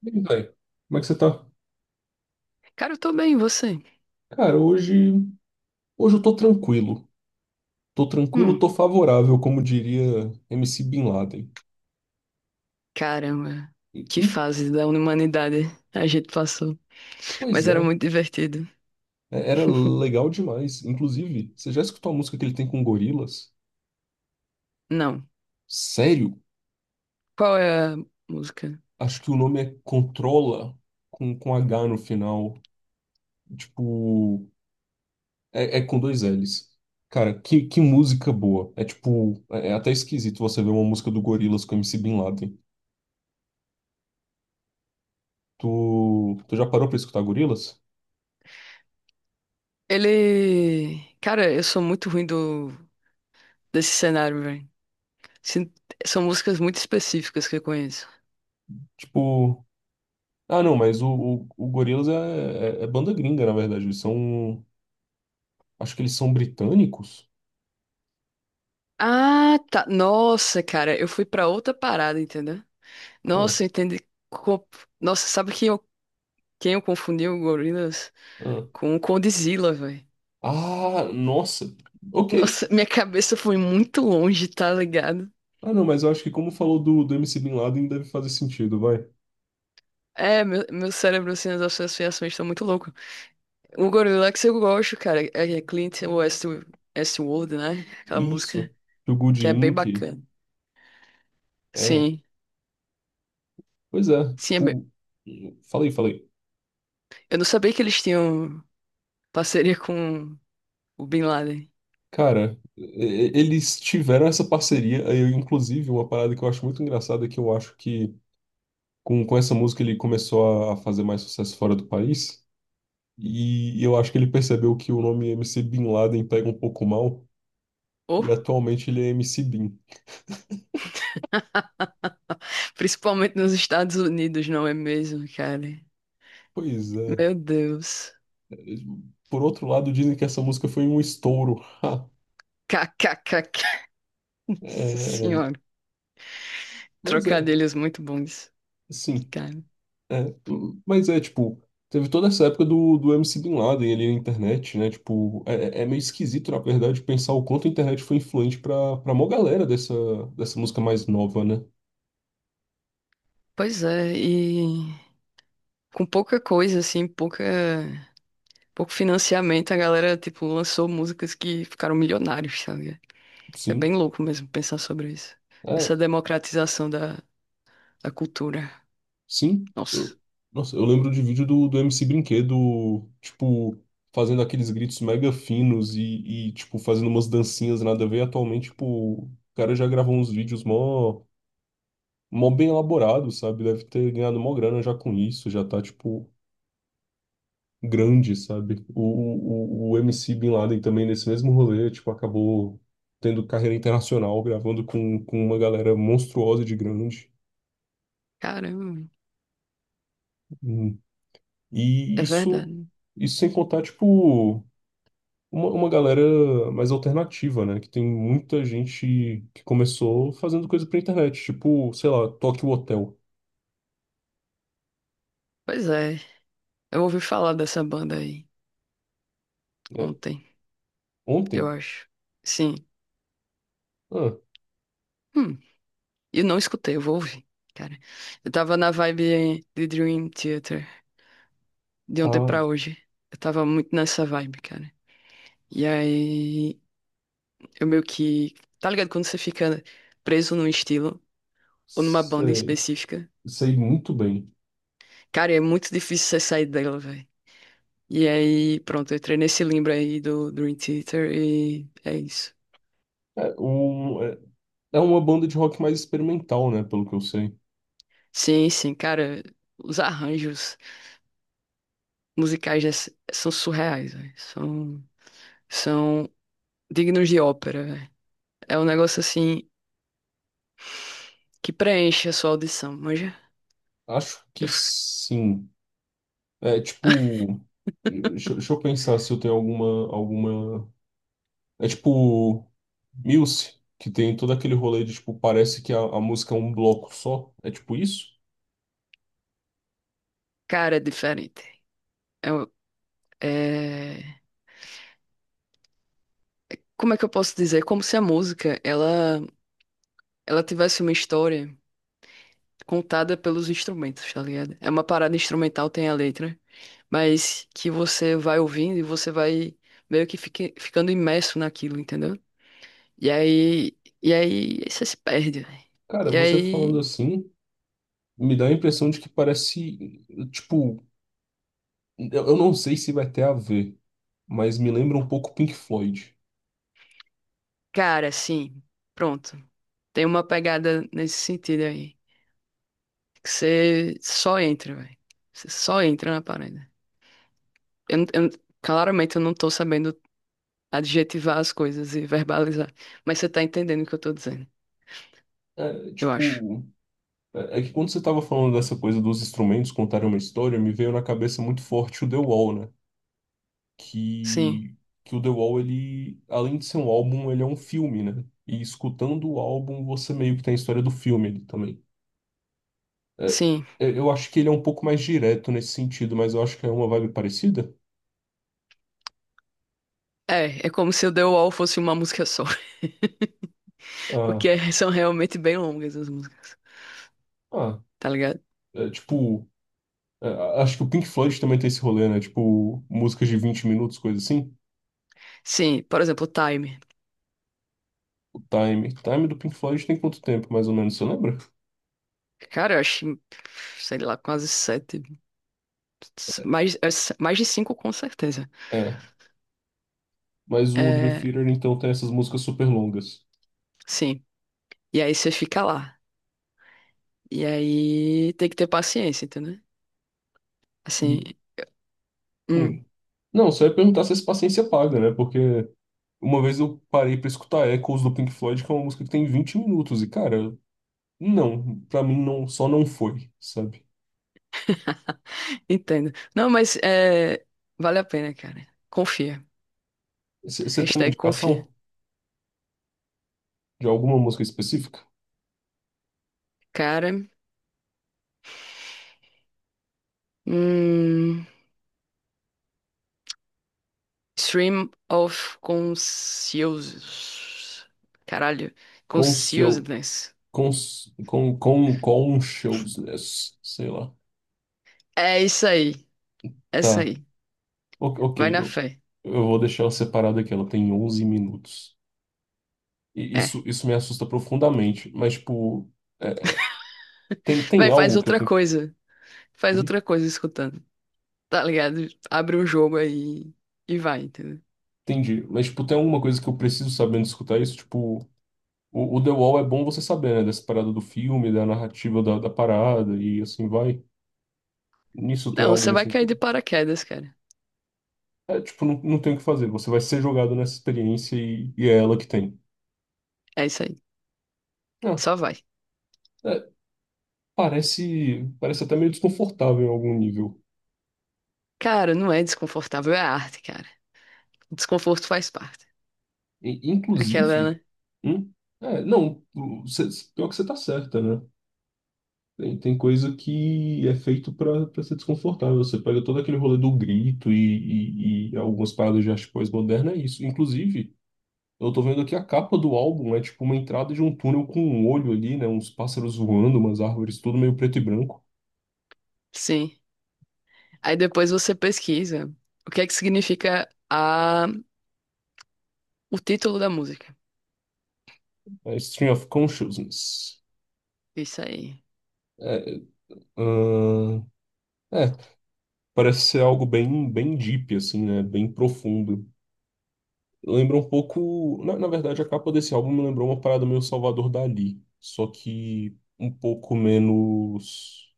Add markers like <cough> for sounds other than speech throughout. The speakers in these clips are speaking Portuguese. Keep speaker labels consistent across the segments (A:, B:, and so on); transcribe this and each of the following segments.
A: Bem, velho, como é que você tá?
B: Cara, eu tô bem, e você?
A: Cara, hoje eu tô tranquilo. Tô tranquilo,
B: Hum,
A: tô favorável, como diria MC Bin Laden.
B: caramba,
A: E-
B: que
A: e-
B: fase da humanidade a gente passou.
A: Pois
B: Mas era
A: é,
B: muito divertido.
A: é, era legal demais. Inclusive, você já escutou a música que ele tem com Gorilas?
B: Não.
A: Sério?
B: Qual é a música?
A: Acho que o nome é Controla, com H no final. Tipo, é com dois L's. Cara, que música boa. É tipo, é até esquisito você ver uma música do Gorilas com MC Bin Laden. Tu já parou pra escutar Gorilas?
B: Ele. Cara, eu sou muito ruim do... desse cenário, velho. Sin- São músicas muito específicas que eu conheço.
A: Tipo. Ah, não, mas o Gorillaz é banda gringa, na verdade. Eles são. Acho que eles são britânicos?
B: Ah, tá. Nossa, cara, eu fui pra outra parada, entendeu?
A: Ah,
B: Nossa, eu entendi. Co- Nossa, sabe quem eu confundi o Gorillaz
A: ah.
B: com o Condzilla, velho?
A: Ah, nossa. Ok.
B: Nossa, minha cabeça foi muito longe, tá ligado?
A: Ah, não, mas eu acho que como falou do MC Bin Laden, deve fazer sentido, vai.
B: É, meu cérebro, assim, as associações estão muito louco. O Gorillaz eu gosto, cara. É Clint West, Westworld, né? Aquela
A: Isso.
B: música
A: Do Good
B: que é bem
A: Inc.
B: bacana.
A: É.
B: Sim,
A: Pois é.
B: sim, é bem...
A: Tipo. Falei, falei.
B: Eu não sabia que eles tinham parceria com o Bin Laden.
A: Cara, eles tiveram essa parceria. Aí, eu, inclusive, uma parada que eu acho muito engraçada é que eu acho que com essa música ele começou a fazer mais sucesso fora do país. E eu acho que ele percebeu que o nome MC Bin Laden pega um pouco mal, e
B: Oh,
A: atualmente ele é MC Bin.
B: principalmente nos Estados Unidos, não é mesmo, cara?
A: Pois é.
B: Meu Deus.
A: Por outro lado, dizem que essa música foi um estouro. Ha.
B: KKKK. <laughs> Nossa
A: É,
B: senhora.
A: mas é,
B: Trocadilhos muito bons,
A: sim.
B: cara.
A: É, mas é, tipo, teve toda essa época do MC Bin Laden ali na internet, né? Tipo, é meio esquisito, na verdade, pensar o quanto a internet foi influente pra mó galera dessa música mais nova, né?
B: Pois é, e com pouca coisa, assim, pouca, pouco financiamento, a galera, tipo, lançou músicas que ficaram milionários, sabe? É
A: Sim.
B: bem louco mesmo pensar sobre isso. Essa
A: É.
B: democratização da, da cultura.
A: Sim,
B: Nossa,
A: eu, nossa, eu lembro de vídeo do MC Brinquedo, tipo, fazendo aqueles gritos mega finos e, tipo, fazendo umas dancinhas nada a ver. Atualmente, tipo, o cara já gravou uns vídeos mó bem elaborados, sabe? Deve ter ganhado mó grana já com isso, já tá, tipo, grande, sabe? O MC Bin Laden também, nesse mesmo rolê, tipo, acabou tendo carreira internacional, gravando com uma galera monstruosa de grande.
B: caramba,
A: Hum. E
B: é verdade.
A: isso sem contar, tipo. Uma galera mais alternativa, né? Que tem muita gente que começou fazendo coisa pra internet, tipo, sei lá, Tokyo Hotel.
B: Pois é, eu ouvi falar dessa banda aí
A: É,
B: ontem, eu
A: ontem?
B: acho. Sim.
A: Ah,
B: Hum, eu não escutei, eu vou ouvir. Cara, eu tava na vibe de Dream Theater de ontem
A: ah,
B: pra hoje. Eu tava muito nessa vibe, cara. E aí eu meio que. Tá ligado? Quando você fica preso num estilo ou numa banda
A: sei,
B: específica,
A: sei muito bem.
B: cara, é muito difícil você sair dela, velho. E aí, pronto, eu entrei nesse limbo aí do Dream Theater e é isso.
A: É, um, é uma banda de rock mais experimental, né? Pelo que eu sei.
B: Sim, sim, cara, os arranjos musicais dessa- são surreais, velho. São, são dignos de ópera, velho. É um negócio assim que preenche a sua audição, manja?
A: Acho que
B: Eu fico-
A: sim. É tipo. Deixa eu pensar se eu tenho alguma, alguma. É tipo. Muse, que tem todo aquele rolê de tipo, parece que a música é um bloco só. É tipo isso?
B: Cara, é diferente. É, um- é... Como é que eu posso dizer? Como se a música, ela. Ela tivesse uma história contada pelos instrumentos, tá ligado? É uma parada instrumental, tem a letra, mas que você vai ouvindo e você vai meio que fique- ficando imerso naquilo, entendeu? E aí você se perde, velho.
A: Cara,
B: E
A: você falando
B: aí,
A: assim, me dá a impressão de que parece, tipo, eu não sei se vai ter a ver, mas me lembra um pouco Pink Floyd.
B: cara, assim, pronto. Tem uma pegada nesse sentido aí. Que você só entra, velho. Você só entra na parada. Eu, não- claramente eu não tô sabendo adjetivar as coisas e verbalizar, mas você tá entendendo o que eu tô dizendo.
A: É,
B: Eu acho.
A: tipo, é que quando você tava falando dessa coisa dos instrumentos contarem uma história, me veio na cabeça muito forte o The Wall, né?
B: Sim,
A: Que, que o The Wall, ele, além de ser um álbum, ele é um filme, né? E escutando o álbum, você meio que tem a história do filme ali também. É,
B: sim.
A: É, eu acho que ele é um pouco mais direto nesse sentido, mas eu acho que é uma vibe parecida.
B: É, é como se o The Wall fosse uma música só, <laughs> porque
A: Ah.
B: é, são realmente bem longas as músicas,
A: Ah,
B: tá ligado?
A: é, tipo, é, acho que o Pink Floyd também tem esse rolê, né? Tipo, músicas de 20 minutos, coisa assim.
B: Sim, por exemplo, Time.
A: O time do Pink Floyd tem quanto tempo, mais ou menos, você lembra?
B: Cara, eu acho, sei lá, quase sete, mais, mais de cinco com certeza.
A: É. Mas o Dream
B: É,
A: Theater, então, tem essas músicas super longas.
B: sim. E aí você fica lá. E aí tem que ter paciência, entendeu? Assim,
A: E,
B: hum,
A: hum. Não, só ia perguntar se essa paciência paga, né? Porque uma vez eu parei pra escutar Echoes do Pink Floyd, que é uma música que tem 20 minutos. E, cara, não. Pra mim, não, só não foi, sabe?
B: entendo. Não, mas é, vale a pena, cara. Confia.
A: Você tem uma
B: Hashtag confia.
A: indicação de alguma música específica?
B: Cara, hum, Stream of Consciousness. Caralho.
A: Conscious.
B: Consciousness.
A: Com um showsless, sei lá.
B: É isso aí. É isso
A: Tá,
B: aí. Vai
A: Ok,
B: na fé.
A: eu vou deixar ela separada aqui, ela tem 11 minutos. E
B: É.
A: isso me assusta profundamente, mas, tipo, é, tem
B: Vai, faz
A: algo que eu
B: outra
A: tenho que.
B: coisa. Faz
A: Hum?
B: outra coisa escutando. Tá ligado? Abre um jogo aí e vai, entendeu?
A: Entendi, mas, tipo, tem alguma coisa que eu preciso saber antes de escutar isso? Tipo, o The Wall é bom você saber, né, dessa parada do filme, da narrativa da parada e assim vai. Nisso tem
B: Não,
A: algo
B: você
A: nesse
B: vai cair
A: sentido?
B: de paraquedas, cara.
A: É, tipo, não, tem o que fazer, você vai ser jogado nessa experiência e é ela que tem.
B: É isso aí.
A: Ah.
B: Só vai.
A: é, Parece até meio desconfortável em algum nível.
B: Cara, não é desconfortável, é arte, cara. O desconforto faz parte.
A: E,
B: Aquela,
A: inclusive,
B: né?
A: hum, não, pior que você tá certa, né? Tem coisa que é feito pra ser desconfortável. Você pega todo aquele rolê do grito e algumas paradas de arte pós-moderna, é isso. Inclusive, eu tô vendo aqui a capa do álbum, é tipo uma entrada de um túnel com um olho ali, né? Uns pássaros voando, umas árvores, tudo meio preto e branco.
B: Sim. Aí depois você pesquisa o que é que significa a... o título da música.
A: É Stream of Consciousness.
B: Isso aí.
A: É, ahn, é, parece ser algo bem, bem deep, assim, né? Bem profundo. Lembra um pouco. Na verdade, a capa desse álbum me lembrou uma parada meio Salvador Dali, só que um pouco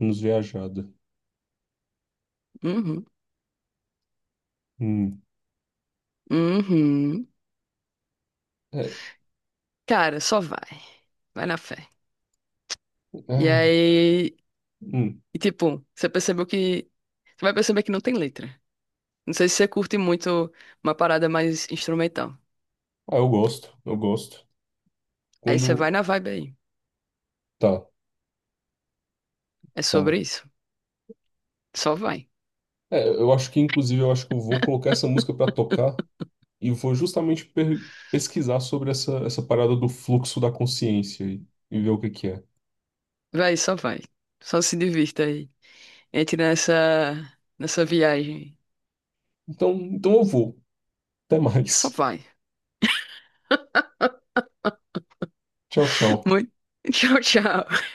A: menos viajada.
B: Uhum.
A: Hum.
B: Uhum.
A: É,
B: Cara, só vai. Vai na fé. E
A: ah,
B: aí,
A: hum.
B: e, tipo, você percebeu que. Você vai perceber que não tem letra. Não sei se você curte muito uma parada mais instrumental.
A: Ah, eu gosto, eu gosto.
B: Aí você vai
A: Quando.
B: na vibe aí.
A: Tá,
B: É sobre
A: tá.
B: isso. Só vai.
A: É, eu acho que, inclusive, eu acho que eu vou colocar essa música pra tocar e vou justamente pesquisar sobre essa parada do fluxo da consciência e ver o que que é.
B: Vai. Só se divirta aí. Entre nessa, nessa viagem.
A: Então eu vou. Até
B: Só
A: mais.
B: vai.
A: Tchau,
B: <laughs>
A: tchau.
B: Muito. Tchau, tchau.